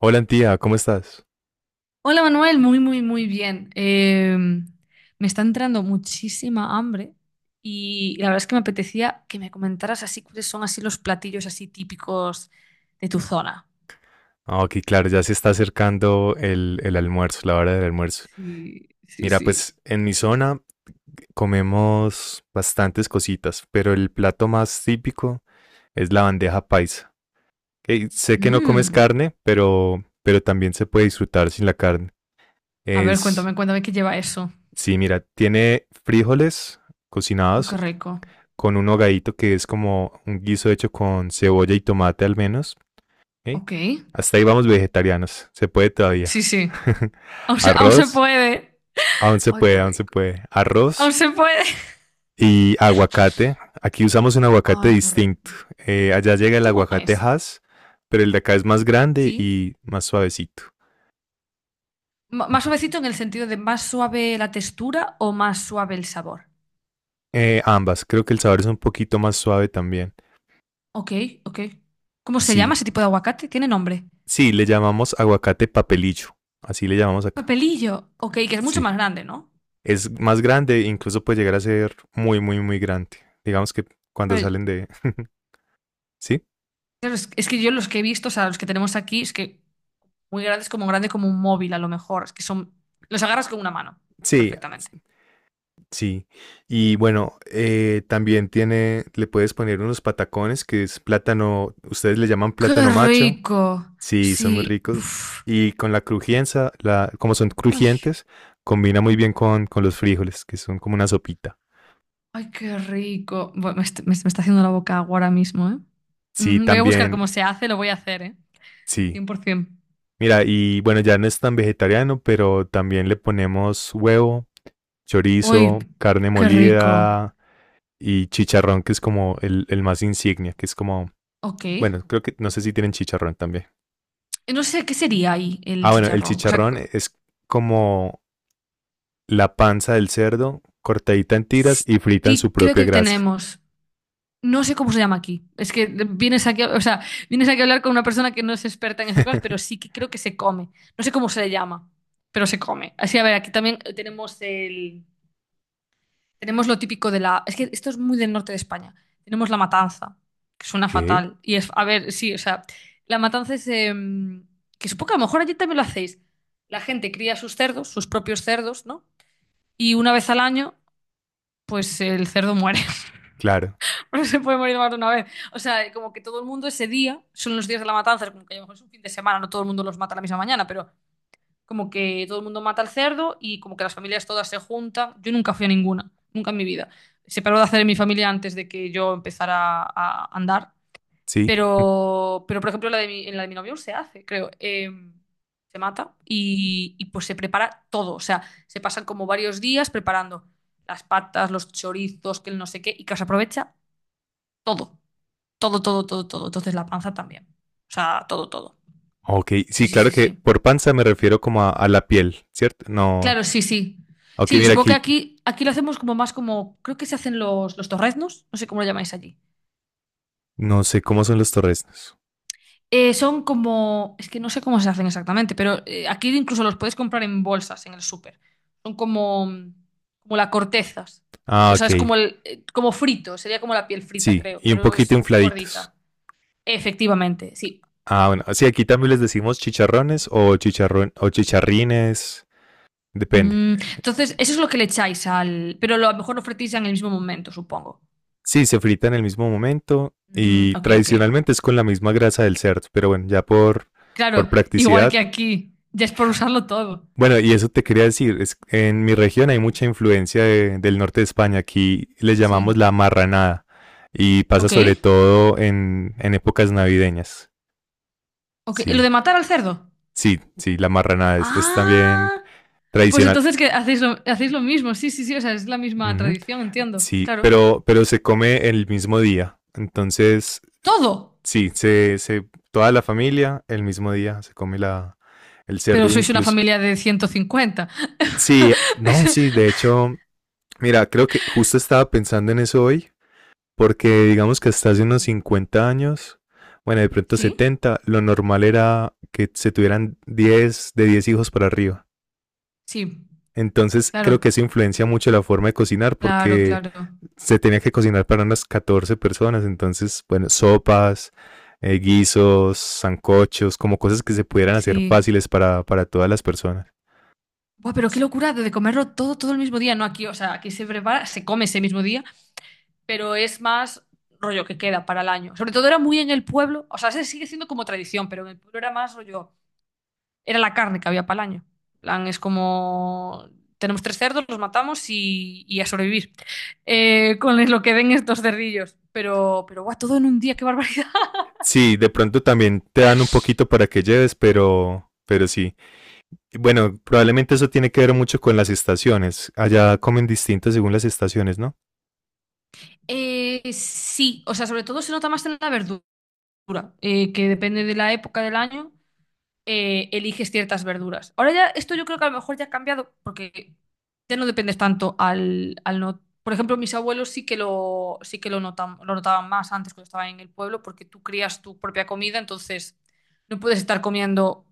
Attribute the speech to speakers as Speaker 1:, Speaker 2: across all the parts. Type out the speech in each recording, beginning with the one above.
Speaker 1: Hola, tía, ¿cómo estás?
Speaker 2: Hola Manuel, muy, muy, muy bien. Me está entrando muchísima hambre y la verdad es que me apetecía que me comentaras así cuáles son así los platillos así típicos de tu zona.
Speaker 1: Ok, claro, ya se está acercando el almuerzo, la hora del almuerzo.
Speaker 2: Sí, sí,
Speaker 1: Mira,
Speaker 2: sí.
Speaker 1: pues en mi zona comemos bastantes cositas, pero el plato más típico es la bandeja paisa. Ok, sé que no comes
Speaker 2: Mm.
Speaker 1: carne, pero también se puede disfrutar sin la carne.
Speaker 2: A ver,
Speaker 1: Es,
Speaker 2: cuéntame, cuéntame qué lleva eso.
Speaker 1: sí, mira, tiene frijoles
Speaker 2: ¡Ay, qué
Speaker 1: cocinados
Speaker 2: rico!
Speaker 1: con un hogadito que es como un guiso hecho con cebolla y tomate al menos. ¿Ok?
Speaker 2: Ok.
Speaker 1: Hasta ahí vamos vegetarianos. Se puede
Speaker 2: Sí,
Speaker 1: todavía.
Speaker 2: sí. Aún se
Speaker 1: Arroz.
Speaker 2: puede. Ay, qué
Speaker 1: Aún se
Speaker 2: rico.
Speaker 1: puede.
Speaker 2: Aún
Speaker 1: Arroz
Speaker 2: se puede.
Speaker 1: y aguacate. Aquí usamos un aguacate
Speaker 2: ¡Ay, qué rico!
Speaker 1: distinto. Allá llega el
Speaker 2: ¿Cómo
Speaker 1: aguacate
Speaker 2: es?
Speaker 1: Hass, pero el de acá es más grande
Speaker 2: Sí.
Speaker 1: y más suavecito.
Speaker 2: ¿Más suavecito en el sentido de más suave la textura o más suave el sabor?
Speaker 1: Ambas. Creo que el sabor es un poquito más suave también.
Speaker 2: Ok, ok. ¿Cómo se
Speaker 1: Sí,
Speaker 2: llama ese tipo de aguacate? ¿Tiene nombre?
Speaker 1: sí, le llamamos aguacate papelillo. Así le llamamos acá.
Speaker 2: Papelillo. Ok, que es mucho
Speaker 1: Sí.
Speaker 2: más grande, ¿no?
Speaker 1: Es más grande, incluso puede llegar a ser muy, muy, muy grande. Digamos que cuando
Speaker 2: Claro,
Speaker 1: salen de... ¿Sí?
Speaker 2: claro, es que yo los que he visto, o sea, los que tenemos aquí, es que muy grandes como grande como un móvil a lo mejor. Es que son... Los agarras con una mano,
Speaker 1: Sí,
Speaker 2: perfectamente.
Speaker 1: sí. Y bueno, también tiene, le puedes poner unos patacones que es plátano, ustedes le llaman
Speaker 2: ¡Qué
Speaker 1: plátano macho.
Speaker 2: rico!
Speaker 1: Sí, son muy
Speaker 2: Sí.
Speaker 1: ricos.
Speaker 2: Uf.
Speaker 1: Y con la crujienza, la, como son
Speaker 2: Ay,
Speaker 1: crujientes, combina muy bien con los frijoles, que son como una sopita.
Speaker 2: ay, qué rico. Bueno, me está haciendo la boca agua ahora mismo, ¿eh?
Speaker 1: Sí,
Speaker 2: Ujú. Voy a buscar
Speaker 1: también,
Speaker 2: cómo se hace, lo voy a hacer, ¿eh?
Speaker 1: sí.
Speaker 2: 100%.
Speaker 1: Mira, y bueno, ya no es tan vegetariano, pero también le ponemos huevo,
Speaker 2: ¡Uy,
Speaker 1: chorizo, carne
Speaker 2: qué rico!
Speaker 1: molida y chicharrón, que es como el más insignia, que es como
Speaker 2: Ok.
Speaker 1: bueno, creo que no sé si tienen chicharrón también.
Speaker 2: No sé qué sería ahí
Speaker 1: Ah,
Speaker 2: el
Speaker 1: bueno, el
Speaker 2: chicharrón. O sea,
Speaker 1: chicharrón es como la panza del cerdo cortadita en tiras y frita en su
Speaker 2: sí creo
Speaker 1: propia
Speaker 2: que
Speaker 1: grasa.
Speaker 2: tenemos. No sé cómo se llama aquí. Es que vienes aquí, o sea, vienes aquí a hablar con una persona que no es experta en estas cosas, pero sí que creo que se come. No sé cómo se le llama, pero se come. Así, a ver, aquí también tenemos lo típico de la. Es que esto es muy del norte de España. Tenemos la matanza, que suena
Speaker 1: ¿Qué?
Speaker 2: fatal. Y es, a ver, sí, o sea, la matanza es que supongo que a lo mejor allí también lo hacéis. La gente cría sus cerdos, sus propios cerdos, ¿no? Y una vez al año, pues el cerdo muere.
Speaker 1: Claro,
Speaker 2: No se puede morir más de una vez. O sea, como que todo el mundo ese día, son los días de la matanza, es como que a lo mejor es un fin de semana, no todo el mundo los mata la misma mañana, pero como que todo el mundo mata al cerdo y como que las familias todas se juntan. Yo nunca fui a ninguna, nunca en mi vida. Se paró de hacer en mi familia antes de que yo empezara a andar.
Speaker 1: sí.
Speaker 2: Pero por ejemplo, la de mi, en la de mi novio se hace, creo. Se mata pues se prepara todo. O sea, se pasan como varios días preparando las patas, los chorizos, que el no sé qué, y que se aprovecha todo. Todo, todo, todo, todo. Entonces la panza también. O sea, todo, todo.
Speaker 1: Ok,
Speaker 2: Sí,
Speaker 1: sí,
Speaker 2: sí,
Speaker 1: claro
Speaker 2: sí,
Speaker 1: que
Speaker 2: sí.
Speaker 1: por panza me refiero como a la piel, ¿cierto? No.
Speaker 2: Claro, sí, sí.
Speaker 1: Ok,
Speaker 2: Sí,
Speaker 1: mira
Speaker 2: supongo que
Speaker 1: aquí,
Speaker 2: aquí lo hacemos como más como, creo que se hacen los torreznos, no sé cómo lo llamáis allí.
Speaker 1: no sé cómo son los torresnos.
Speaker 2: Son como, es que no sé cómo se hacen exactamente, pero aquí incluso los puedes comprar en bolsas en el súper. Son como la cortezas.
Speaker 1: Ah,
Speaker 2: O sea,
Speaker 1: ok,
Speaker 2: es como frito, sería como la piel frita,
Speaker 1: sí,
Speaker 2: creo.
Speaker 1: y un
Speaker 2: Creo que
Speaker 1: poquito
Speaker 2: es así
Speaker 1: infladitos.
Speaker 2: gordita. Efectivamente, sí.
Speaker 1: Ah, bueno, sí, aquí también les decimos chicharrones o chicharrón o chicharrines, depende.
Speaker 2: Entonces, eso es lo que le echáis al. Pero a lo mejor lo fretéis en el mismo momento, supongo.
Speaker 1: Sí, se frita en el mismo momento
Speaker 2: Mm,
Speaker 1: y
Speaker 2: ok, ok.
Speaker 1: tradicionalmente es con la misma grasa del cerdo, pero bueno,
Speaker 2: Claro,
Speaker 1: por
Speaker 2: igual
Speaker 1: practicidad.
Speaker 2: que aquí. Ya es por usarlo todo.
Speaker 1: Bueno, y eso te quería decir, es, en mi región hay mucha influencia de- del norte de España, aquí le
Speaker 2: Sí.
Speaker 1: llamamos la marranada y pasa
Speaker 2: Ok.
Speaker 1: sobre todo en épocas navideñas.
Speaker 2: Ok. ¿Lo
Speaker 1: Sí,
Speaker 2: de matar al cerdo?
Speaker 1: sí, sí, la marranada es también
Speaker 2: Ah. Pues
Speaker 1: tradicional.
Speaker 2: entonces que hacéis lo mismo, sí, sí, sí, o sea, es la misma
Speaker 1: Ujú,
Speaker 2: tradición, entiendo,
Speaker 1: sí,
Speaker 2: claro.
Speaker 1: pero se come el mismo día, entonces
Speaker 2: Todo,
Speaker 1: sí, toda la familia el mismo día se come la, el
Speaker 2: pero
Speaker 1: cerdo,
Speaker 2: sois una
Speaker 1: incluso.
Speaker 2: familia de 150
Speaker 1: Sí, no, sí, de hecho, mira, creo que justo estaba pensando en eso hoy, porque digamos que hasta hace unos 50 años, bueno, de pronto
Speaker 2: Sí,
Speaker 1: 70 lo normal era que se tuvieran 10 de 10 hijos para arriba.
Speaker 2: sí,
Speaker 1: Entonces, creo
Speaker 2: claro,
Speaker 1: que eso influencia mucho la forma de cocinar,
Speaker 2: claro,
Speaker 1: porque
Speaker 2: claro,
Speaker 1: se tenía que cocinar para unas 14 personas, entonces, bueno, sopas, guisos, sancochos, como cosas que se pudieran hacer
Speaker 2: sí.
Speaker 1: fáciles para todas las personas.
Speaker 2: Buah, pero qué
Speaker 1: Sí.
Speaker 2: locura de comerlo todo, todo el mismo día, no aquí, o sea, aquí se prepara, se come ese mismo día, pero es más rollo que queda para el año. Sobre todo era muy en el pueblo, o sea, se sigue siendo como tradición, pero en el pueblo era más rollo. Era la carne que había para el año. Plan, es como, tenemos tres cerdos, los matamos y a sobrevivir con lo que den estos cerdillos. Pero, guau, todo en un día, qué barbaridad.
Speaker 1: Sí, de pronto también te dan un poquito para que lleves, pero sí. Y bueno, probablemente eso tiene que ver mucho con las estaciones. Allá comen distinto según las estaciones, ¿no?
Speaker 2: Sí, o sea, sobre todo se nota más en la verdura, que depende de la época del año, eliges ciertas verduras. Ahora ya, esto yo creo que a lo mejor ya ha cambiado porque ya no dependes tanto al no. Por ejemplo, mis abuelos sí que lo notan, lo notaban más antes cuando estaban en el pueblo porque tú crías tu propia comida, entonces no puedes estar comiendo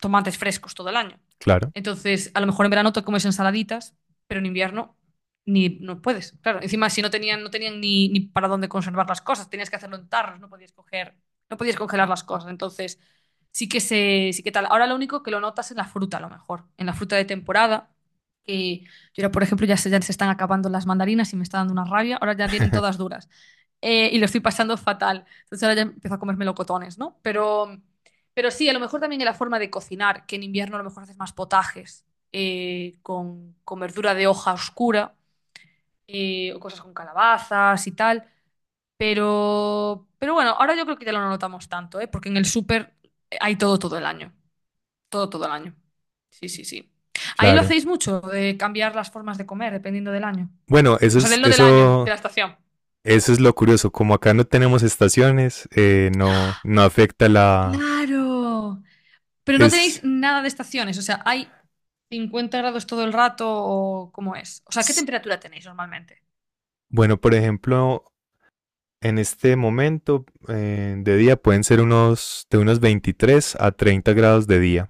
Speaker 2: tomates frescos todo el año.
Speaker 1: Claro,
Speaker 2: Entonces, a lo mejor en verano te comes ensaladitas, pero en invierno ni no puedes. Claro, encima si no tenían ni para dónde conservar las cosas, tenías que hacerlo en tarros, no podías coger, no podías congelar las cosas. Entonces, sí que tal. Ahora lo único que lo notas en la fruta, a lo mejor, en la fruta de temporada. Que yo ahora, por ejemplo, ya se están acabando las mandarinas y me está dando una rabia. Ahora ya vienen todas duras y lo estoy pasando fatal. Entonces ahora ya empiezo a comer melocotones, ¿no? Pero sí, a lo mejor también en la forma de cocinar, que en invierno a lo mejor haces más potajes con, verdura de hoja oscura o cosas con calabazas y tal. Pero bueno, ahora yo creo que ya lo no notamos tanto, ¿eh? Porque en el súper hay todo todo el año. Todo todo el año. Sí, sí, sí. Ahí lo
Speaker 1: claro.
Speaker 2: hacéis mucho, de cambiar las formas de comer dependiendo del año.
Speaker 1: Bueno, eso
Speaker 2: O sea,
Speaker 1: es,
Speaker 2: del no del año, de
Speaker 1: eso,
Speaker 2: la estación.
Speaker 1: eso es lo curioso. Como acá no tenemos estaciones, no, no afecta la...
Speaker 2: Claro. Pero no tenéis
Speaker 1: Es,
Speaker 2: nada de estaciones, o sea, hay 50 grados todo el rato o cómo es. O sea, ¿qué temperatura tenéis normalmente?
Speaker 1: bueno, por ejemplo, en este momento de día pueden ser unos de unos 23 a 30 grados de día.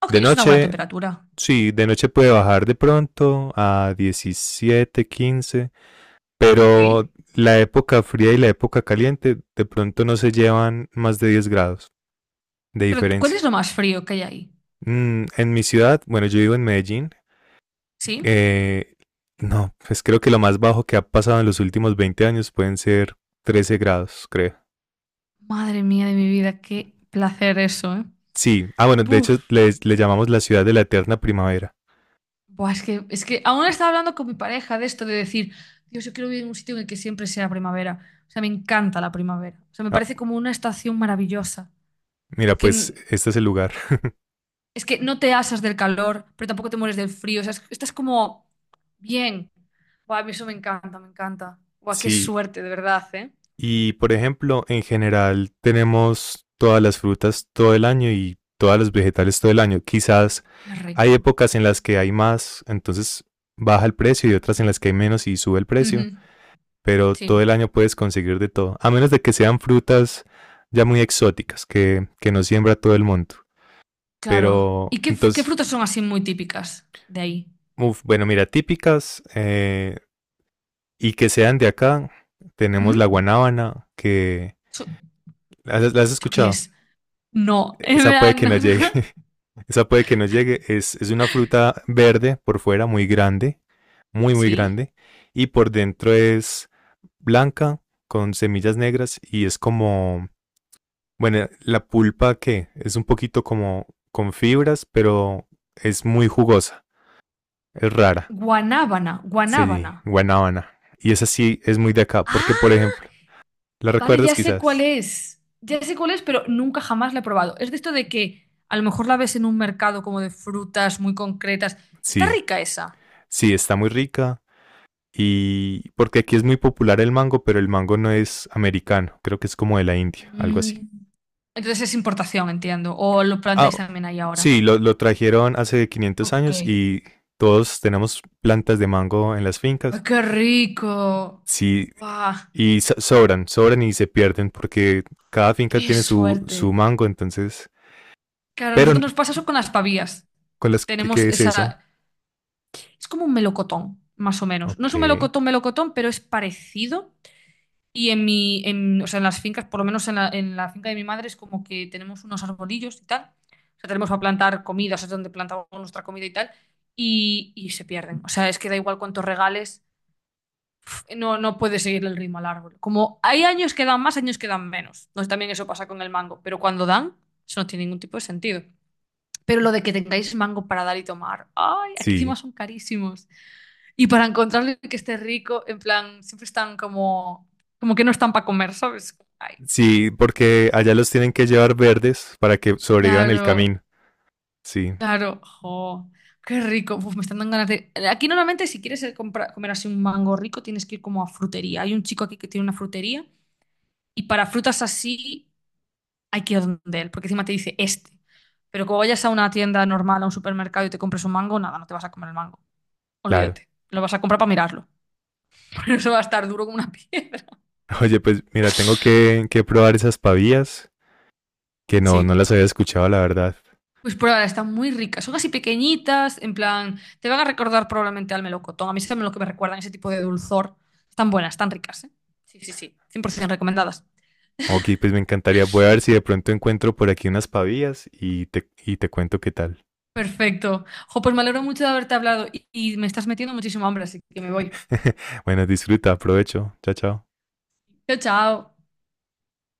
Speaker 2: Ok,
Speaker 1: De
Speaker 2: es una buena
Speaker 1: noche,
Speaker 2: temperatura.
Speaker 1: sí, de noche puede bajar de pronto a 17 15,
Speaker 2: Sí.
Speaker 1: pero la época fría y la época caliente de pronto no se llevan más de 10 grados de
Speaker 2: Pero ¿cuál
Speaker 1: diferencia.
Speaker 2: es lo más frío que hay ahí?
Speaker 1: Mm, en mi ciudad, bueno, yo vivo en Medellín,
Speaker 2: ¿Sí?
Speaker 1: eh, no, pues creo que lo más bajo que ha pasado en los últimos 20 años pueden ser 13 grados, creo.
Speaker 2: Madre mía de mi vida, qué placer eso, ¿eh?
Speaker 1: Sí, ah, bueno, de
Speaker 2: Buf.
Speaker 1: hecho le llamamos la ciudad de la eterna primavera.
Speaker 2: Buah, es que aún estaba hablando con mi pareja de esto, de decir, Dios, yo quiero vivir en un sitio en el que siempre sea primavera. O sea, me encanta la primavera. O sea, me
Speaker 1: Ah,
Speaker 2: parece como una estación maravillosa.
Speaker 1: mira,
Speaker 2: Que
Speaker 1: pues
Speaker 2: n-
Speaker 1: este es el lugar.
Speaker 2: Es que no te asas del calor, pero tampoco te mueres del frío. O sea, estás como bien. Buah, a mí eso me encanta, me encanta. Buah, qué
Speaker 1: Sí,
Speaker 2: suerte, de verdad, ¿eh?
Speaker 1: y por ejemplo, en general tenemos todas las frutas todo el año y todos los vegetales todo el año. Quizás
Speaker 2: Qué
Speaker 1: hay
Speaker 2: rico.
Speaker 1: épocas en las que hay más, entonces baja el precio y otras en las que hay menos y sube el precio,
Speaker 2: Ujú,
Speaker 1: pero todo
Speaker 2: sí,
Speaker 1: el año puedes conseguir de todo, a menos de que sean frutas ya muy exóticas que no siembra todo el mundo.
Speaker 2: claro.
Speaker 1: Pero
Speaker 2: ¿Y qué
Speaker 1: entonces,
Speaker 2: frutas son así muy típicas de ahí?
Speaker 1: uf, bueno, mira, típicas, y que sean de acá, tenemos la
Speaker 2: Ujú.
Speaker 1: guanábana, que...
Speaker 2: ¿Eso,
Speaker 1: ¿La has
Speaker 2: eso qué
Speaker 1: escuchado?
Speaker 2: es? No, en
Speaker 1: Esa puede
Speaker 2: verdad,
Speaker 1: que no
Speaker 2: no, no.
Speaker 1: llegue, esa puede que no llegue. Es una fruta verde por fuera, muy grande, muy, muy
Speaker 2: Sí.
Speaker 1: grande. Y por dentro es blanca, con semillas negras y es como, bueno, la pulpa que es un poquito como con fibras, pero es muy jugosa, es rara,
Speaker 2: Guanábana, guanábana.
Speaker 1: sí, guanábana. Y esa sí es muy de acá, porque por
Speaker 2: ¡Ah!
Speaker 1: ejemplo, ¿la
Speaker 2: Vale,
Speaker 1: recuerdas
Speaker 2: ya sé cuál
Speaker 1: quizás?
Speaker 2: es. Ya sé cuál es, pero nunca jamás la he probado. Es de esto de que a lo mejor la ves en un mercado como de frutas muy concretas. Está
Speaker 1: Sí,
Speaker 2: rica esa.
Speaker 1: sí, está muy rica. Y porque aquí es muy popular el mango, pero el mango no es americano, creo que es como de la India, algo así.
Speaker 2: Mm, Entonces es importación, entiendo. O lo
Speaker 1: Ah,
Speaker 2: plantáis también ahí ahora.
Speaker 1: sí, lo trajeron hace 500
Speaker 2: Ok.
Speaker 1: años
Speaker 2: ¡Ay,
Speaker 1: y todos tenemos plantas de mango en las fincas.
Speaker 2: qué rico!
Speaker 1: Sí,
Speaker 2: ¡Guau!
Speaker 1: y so- sobran y se pierden porque cada finca
Speaker 2: ¡Qué
Speaker 1: tiene su
Speaker 2: suerte!
Speaker 1: mango, entonces...
Speaker 2: Claro, a
Speaker 1: Pero,
Speaker 2: nosotros
Speaker 1: n-
Speaker 2: nos pasa eso con las pavías.
Speaker 1: ¿con las qué,
Speaker 2: Tenemos
Speaker 1: qué es eso?
Speaker 2: esa... Es como un melocotón, más o menos. No
Speaker 1: Ok.
Speaker 2: es un melocotón, melocotón, pero es parecido. Y o sea, en las fincas, por lo menos en la finca de mi madre, es como que tenemos unos arbolillos y tal. O sea, tenemos para plantar comida, o sea, es donde plantamos nuestra comida y tal. Y se pierden. O sea, es que da igual cuántos regales, no puede seguir el ritmo al árbol. Como hay años que dan más, años que dan menos. No, también eso pasa con el mango. Pero cuando dan, eso no tiene ningún tipo de sentido. Pero lo de que tengáis mango para dar y tomar, ay, aquí
Speaker 1: Sí,
Speaker 2: encima son carísimos. Y para encontrarle que esté rico, en plan, siempre están como que no están para comer, ¿sabes? Ay,
Speaker 1: sí, porque allá los tienen que llevar verdes para que sobrevivan el
Speaker 2: claro,
Speaker 1: camino. Sí,
Speaker 2: claro, jo, qué rico. Uf, me están dando ganas de... Aquí normalmente si quieres comer así un mango rico, tienes que ir como a frutería. Hay un chico aquí que tiene una frutería y para frutas así hay que ir donde él, porque encima te dice este. Pero como vayas a una tienda normal, a un supermercado y te compres un mango, nada, no te vas a comer el mango.
Speaker 1: claro.
Speaker 2: Olvídate. Lo vas a comprar para mirarlo. Pero eso va a estar duro como una piedra.
Speaker 1: Oye, pues mira, tengo que probar esas pavías, que no, no
Speaker 2: Sí.
Speaker 1: las había escuchado, la verdad.
Speaker 2: Pues prueba, están muy ricas. Son así pequeñitas, en plan, te van a recordar probablemente al melocotón. A mí es lo que me recuerdan ese tipo de dulzor. Están buenas, están ricas, ¿eh? Sí, sí, sí. 100% recomendadas.
Speaker 1: Ok, pues me encantaría. Voy a ver si de pronto encuentro por aquí unas pavías y te cuento qué tal.
Speaker 2: Perfecto. Jo, pues me alegro mucho de haberte hablado y me estás metiendo muchísimo hambre, así que me voy.
Speaker 1: Bueno, disfruta, aprovecho. Chao, chao.
Speaker 2: Chao, chao.